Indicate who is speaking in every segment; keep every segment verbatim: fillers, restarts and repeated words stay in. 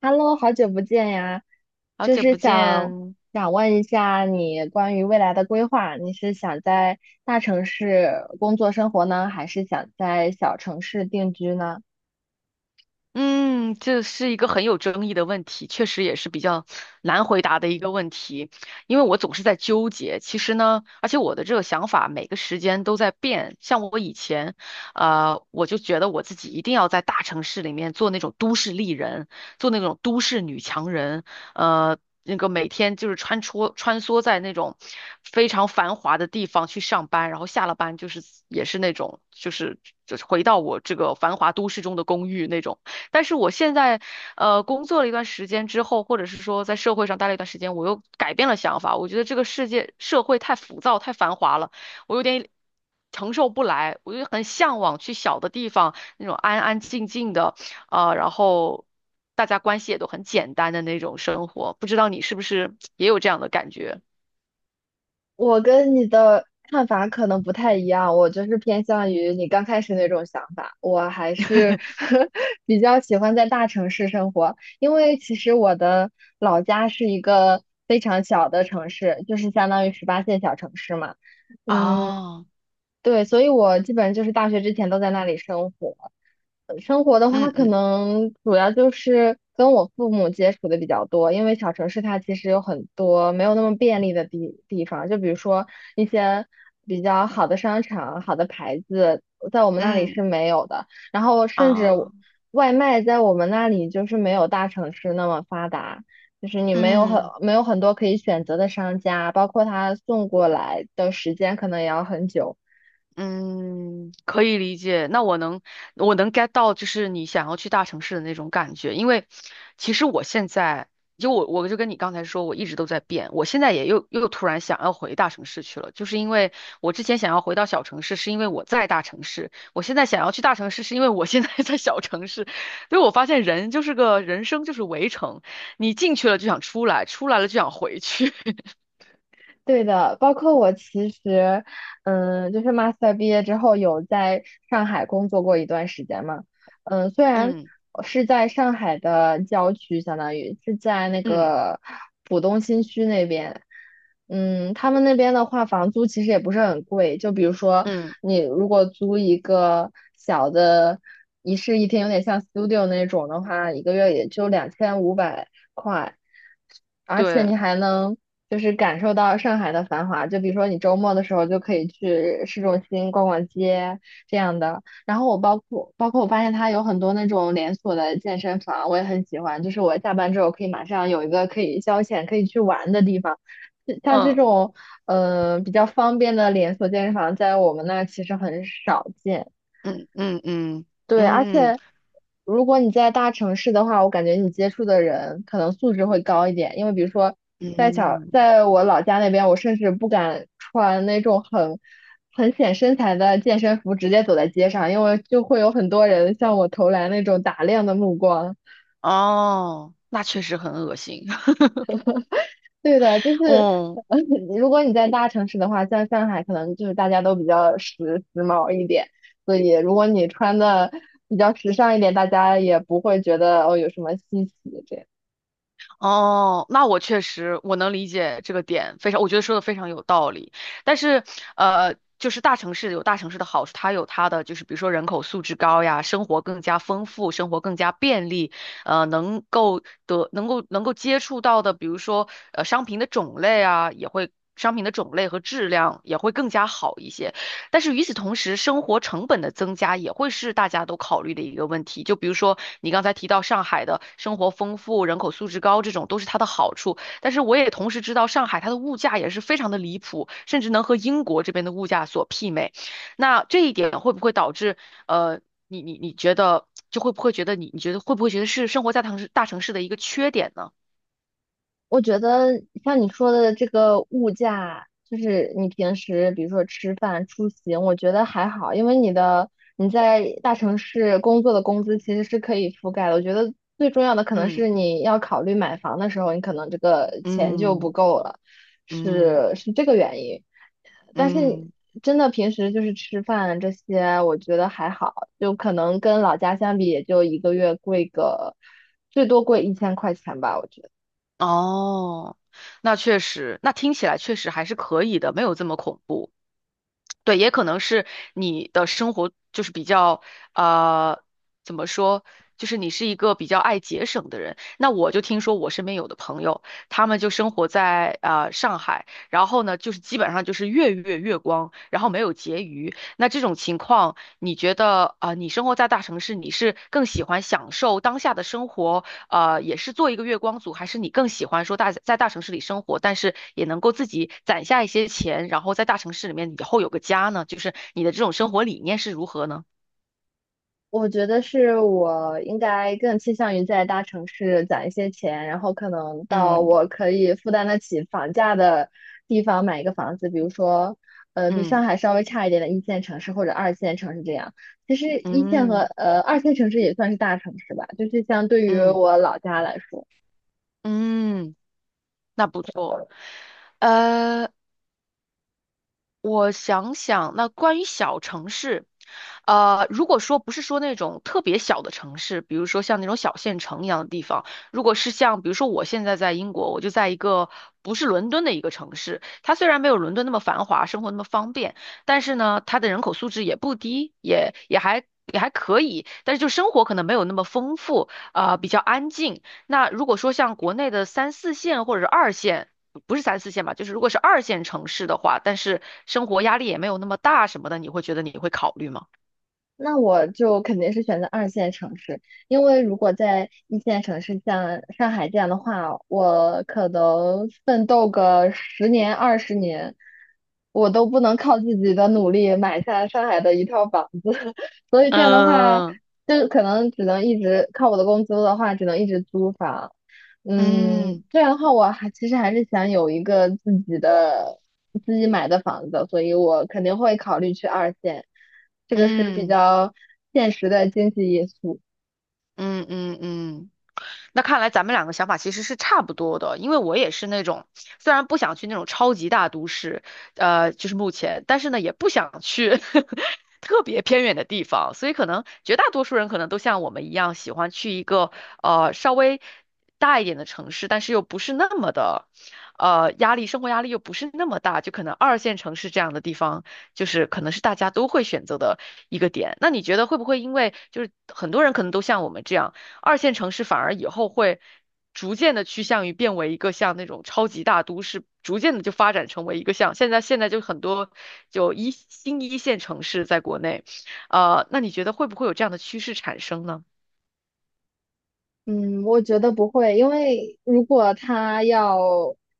Speaker 1: Hello，好久不见呀，
Speaker 2: 好
Speaker 1: 就
Speaker 2: 久
Speaker 1: 是
Speaker 2: 不
Speaker 1: 想
Speaker 2: 见，
Speaker 1: 想问一下你关于未来的规划，你是想在大城市工作生活呢，还是想在小城市定居呢？
Speaker 2: 嗯，这是一个很有争议的问题，确实也是比较难回答的一个问题，因为我总是在纠结。其实呢，而且我的这个想法每个时间都在变。像我以前，呃，我就觉得我自己一定要在大城市里面做那种都市丽人，做那种都市女强人，呃，那个每天就是穿梭穿梭在那种非常繁华的地方去上班，然后下了班就是也是那种就是就是回到我这个繁华都市中的公寓那种。但是我现在，呃，工作了一段时间之后，或者是说在社会上待了一段时间，我又改变了想法。我觉得这个世界社会太浮躁、太繁华了，我有点承受不来。我就很向往去小的地方，那种安安静静的，啊，然后大家关系也都很简单的那种生活。不知道你是不是也有这样的感觉？
Speaker 1: 我跟你的看法可能不太一样，我就是偏向于你刚开始那种想法，我还是 比较喜欢在大城市生活，因为其实我的老家是一个非常小的城市，就是相当于十八线小城市嘛，嗯，
Speaker 2: 哦，
Speaker 1: 对，所以我基本就是大学之前都在那里生活。呃生活的话，
Speaker 2: 嗯
Speaker 1: 可
Speaker 2: 嗯
Speaker 1: 能主要就是跟我父母接触的比较多，因为小城市它其实有很多没有那么便利的地地方，就比如说一些比较好的商场、好的牌子，在我们那里
Speaker 2: 嗯，
Speaker 1: 是没有的。然后甚至我
Speaker 2: 啊，
Speaker 1: 外卖在我们那里就是没有大城市那么发达，就是你没有很
Speaker 2: 嗯。
Speaker 1: 没有很多可以选择的商家，包括他送过来的时间可能也要很久。
Speaker 2: 嗯，可以理解。那我能，我能 get 到，就是你想要去大城市的那种感觉。因为其实我现在，就我我就跟你刚才说，我一直都在变。我现在也又又突然想要回大城市去了，就是因为我之前想要回到小城市，是因为我在大城市；我现在想要去大城市，是因为我现在 在小城市。所以我发现人就是个人生就是围城，你进去了就想出来，出来了就想回去。
Speaker 1: 对的，包括我其实，嗯，就是 master 毕业之后有在上海工作过一段时间嘛，嗯，虽然
Speaker 2: 嗯
Speaker 1: 是在上海的郊区，相当于是在那
Speaker 2: 嗯
Speaker 1: 个浦东新区那边，嗯，他们那边的话，房租其实也不是很贵，就比如说
Speaker 2: 嗯，
Speaker 1: 你如果租一个小的一室一厅，有点像 studio 那种的话，一个月也就两千五百。块。而且你
Speaker 2: 对，
Speaker 1: 还能就是感受到上海的繁华，就比如说你周末的时候就可以去市中心逛逛街这样的。然后我包括包括我发现它有很多那种连锁的健身房，我也很喜欢。就是我下班之后可以马上有一个可以消遣、可以去玩的地方。像这
Speaker 2: 嗯。
Speaker 1: 种呃比较方便的连锁健身房，在我们那儿其实很少见。
Speaker 2: 嗯嗯嗯
Speaker 1: 对，而
Speaker 2: 嗯
Speaker 1: 且如果你在大城市的话，我感觉你接触的人可能素质会高一点，因为比如说在小，
Speaker 2: 嗯，
Speaker 1: 在我老家那边，我甚至不敢穿那种很很显身材的健身服直接走在街上，因为就会有很多人向我投来那种打量的目光。
Speaker 2: 哦，那确实很恶心。
Speaker 1: 对的，就是，
Speaker 2: 哦
Speaker 1: 呃如果你在大城市的话，像上海，可能就是大家都比较时时髦一点，所以如果你穿的比较时尚一点，大家也不会觉得哦有什么稀奇这样。
Speaker 2: 哦，那我确实我能理解这个点，非常，我觉得说的非常有道理。但是呃，就是大城市有大城市的好处，它有它的就是比如说人口素质高呀，生活更加丰富，生活更加便利，呃，能够得能够能够接触到的，比如说呃商品的种类啊，也会商品的种类和质量也会更加好一些。但是与此同时，生活成本的增加也会是大家都考虑的一个问题。就比如说你刚才提到上海的生活丰富、人口素质高，这种都是它的好处。但是我也同时知道，上海它的物价也是非常的离谱，甚至能和英国这边的物价所媲美。那这一点会不会导致呃，你你你觉得就会不会觉得你你觉得会不会觉得是生活在大城市大城市的一个缺点呢？
Speaker 1: 我觉得像你说的这个物价，就是你平时比如说吃饭、出行，我觉得还好，因为你的你在大城市工作的工资其实是可以覆盖的。我觉得最重要的可能
Speaker 2: 嗯
Speaker 1: 是你要考虑买房的时候，你可能这个钱就不
Speaker 2: 嗯
Speaker 1: 够了，
Speaker 2: 嗯
Speaker 1: 是是这个原因。但是
Speaker 2: 嗯。
Speaker 1: 真的平时就是吃饭这些，我觉得还好，就可能跟老家相比，也就一个月贵个最多贵一千块钱吧，我觉得。
Speaker 2: 哦，那确实，那听起来确实还是可以的，没有这么恐怖。对，也可能是你的生活就是比较，呃，怎么说，就是你是一个比较爱节省的人。那我就听说我身边有的朋友，他们就生活在呃上海，然后呢，就是基本上就是月月月光，然后没有结余。那这种情况，你觉得啊，呃你生活在大城市，你是更喜欢享受当下的生活？呃，也是做一个月光族，还是你更喜欢说大在大城市里生活，但是也能够自己攒下一些钱，然后在大城市里面以后有个家呢？就是你的这种生活理念是如何呢？
Speaker 1: 我觉得是我应该更倾向于在大城市攒一些钱，然后可能到
Speaker 2: 嗯
Speaker 1: 我可以负担得起房价的地方买一个房子，比如说，呃，比
Speaker 2: 嗯
Speaker 1: 上海稍微差一点的一线城市或者二线城市这样。其实一线和
Speaker 2: 嗯
Speaker 1: 呃二线城市也算是大城市吧，就是相对于
Speaker 2: 嗯
Speaker 1: 我老家来说。
Speaker 2: 嗯，那不错。呃我想想，那关于小城市，呃，如果说不是说那种特别小的城市，比如说像那种小县城一样的地方，如果是像比如说我现在在英国，我就在一个不是伦敦的一个城市，它虽然没有伦敦那么繁华，生活那么方便，但是呢，它的人口素质也不低，也也还也还可以，但是就生活可能没有那么丰富，啊、比较安静。那如果说像国内的三四线或者是二线，不是三四线吧，就是如果是二线城市的话，但是生活压力也没有那么大什么的，你会觉得你会考虑吗？
Speaker 1: 那我就肯定是选择二线城市，因为如果在一线城市像上海这样的话，我可能奋斗个十年二十年，我都不能靠自己的努力买下上海的一套房子，所以这样的话，
Speaker 2: 嗯
Speaker 1: 就可能只能一直靠我的工资的话，只能一直租房。嗯，
Speaker 2: 嗯
Speaker 1: 这样的话，我还其实还是想有一个自己的自己买的房子，所以我肯定会考虑去二线，这个是比
Speaker 2: 嗯
Speaker 1: 较现实的经济因素。
Speaker 2: 嗯嗯嗯嗯那看来咱们两个想法其实是差不多的，因为我也是那种虽然不想去那种超级大都市，呃，就是目前，但是呢也不想去 特别偏远的地方，所以可能绝大多数人可能都像我们一样，喜欢去一个呃稍微大一点的城市，但是又不是那么的，呃，压力，生活压力又不是那么大，就可能二线城市这样的地方，就是可能是大家都会选择的一个点。那你觉得会不会因为就是很多人可能都像我们这样？二线城市反而以后会逐渐的趋向于变为一个像那种超级大都市，逐渐的就发展成为一个像现在现在就很多就一新一线城市在国内，呃，那你觉得会不会有这样的趋势产生呢？
Speaker 1: 嗯，我觉得不会，因为如果他要，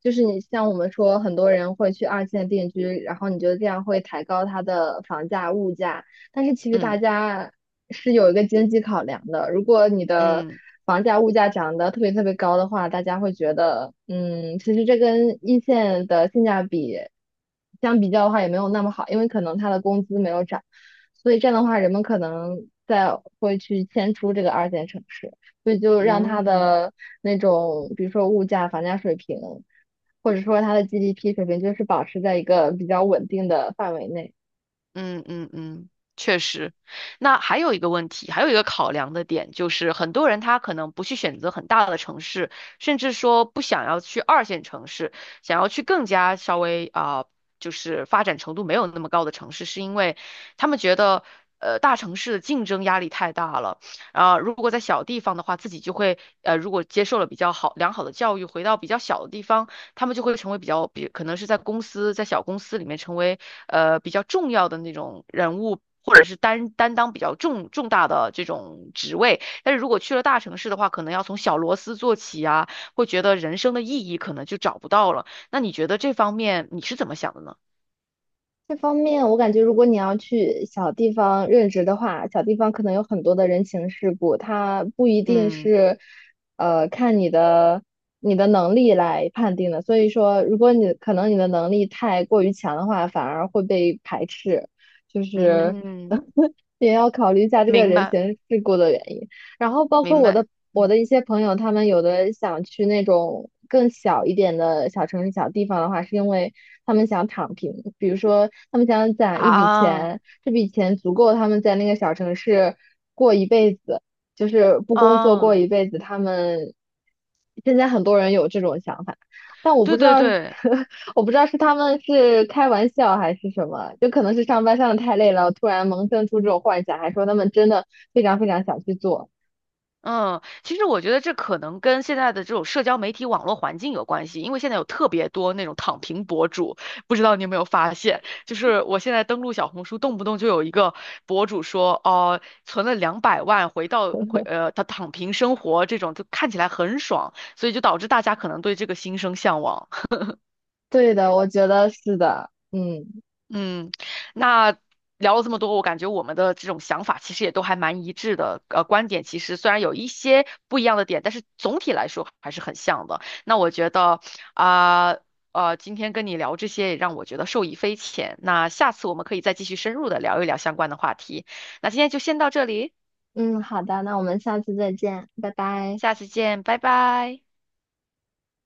Speaker 1: 就是你像我们说，很多人会去二线定居，然后你觉得这样会抬高他的房价、物价，但是其实大
Speaker 2: 嗯
Speaker 1: 家是有一个经济考量的。如果你的
Speaker 2: 嗯
Speaker 1: 房价、物价涨得特别特别高的话，大家会觉得，嗯，其实这跟一线的性价比相比较的话，也没有那么好，因为可能他的工资没有涨，所以这样的话，人们可能在会去迁出这个二线城市。所以就让它
Speaker 2: 嗯。
Speaker 1: 的那种，比如说物价、房价水平，或者说它的 G D P 水平，就是保持在一个比较稳定的范围内。
Speaker 2: 嗯嗯嗯，确实。那还有一个问题，还有一个考量的点，就是很多人他可能不去选择很大的城市，甚至说不想要去二线城市，想要去更加稍微啊、就是发展程度没有那么高的城市，是因为他们觉得。呃，大城市的竞争压力太大了，啊、如果在小地方的话，自己就会，呃，如果接受了比较好良好的教育，回到比较小的地方，他们就会成为比较比，可能是在公司，在小公司里面成为呃比较重要的那种人物，或者是担担当比较重重大的这种职位。但是如果去了大城市的话，可能要从小螺丝做起啊，会觉得人生的意义可能就找不到了。那你觉得这方面你是怎么想的呢？
Speaker 1: 这方面，我感觉如果你要去小地方任职的话，小地方可能有很多的人情世故，它不一定
Speaker 2: 嗯
Speaker 1: 是，呃，看你的你的能力来判定的。所以说，如果你可能你的能力太过于强的话，反而会被排斥，就是
Speaker 2: 嗯嗯，
Speaker 1: 也要考虑一下这个
Speaker 2: 明
Speaker 1: 人
Speaker 2: 白
Speaker 1: 情世故的原因。然后包括
Speaker 2: 明
Speaker 1: 我
Speaker 2: 白，
Speaker 1: 的我
Speaker 2: 嗯
Speaker 1: 的一些朋友，他们有的想去那种更小一点的小城市、小地方的话，是因为他们想躺平，比如说他们想攒一笔
Speaker 2: 啊
Speaker 1: 钱，这笔钱足够他们在那个小城市过一辈子，就是不工作过
Speaker 2: 啊，
Speaker 1: 一辈子。他们现在很多人有这种想法，但我不
Speaker 2: 对
Speaker 1: 知
Speaker 2: 对
Speaker 1: 道，
Speaker 2: 对。
Speaker 1: 我不知道是他们是开玩笑还是什么，就可能是上班上的太累了，突然萌生出这种幻想，还说他们真的非常非常想去做。
Speaker 2: 嗯，其实我觉得这可能跟现在的这种社交媒体网络环境有关系，因为现在有特别多那种躺平博主，不知道你有没有发现？就是我现在登录小红书，动不动就有一个博主说，哦、存了两百万，回到回呃，他躺平生活这种，就看起来很爽，所以就导致大家可能对这个心生向往。
Speaker 1: 对的，我觉得是的。嗯
Speaker 2: 嗯，那聊了这么多，我感觉我们的这种想法其实也都还蛮一致的。呃，观点其实虽然有一些不一样的点，但是总体来说还是很像的。那我觉得啊，呃，今天跟你聊这些也让我觉得受益匪浅。那下次我们可以再继续深入的聊一聊相关的话题。那今天就先到这里，
Speaker 1: 嗯，好的，那我们下次再见，拜拜。
Speaker 2: 下次见，拜拜。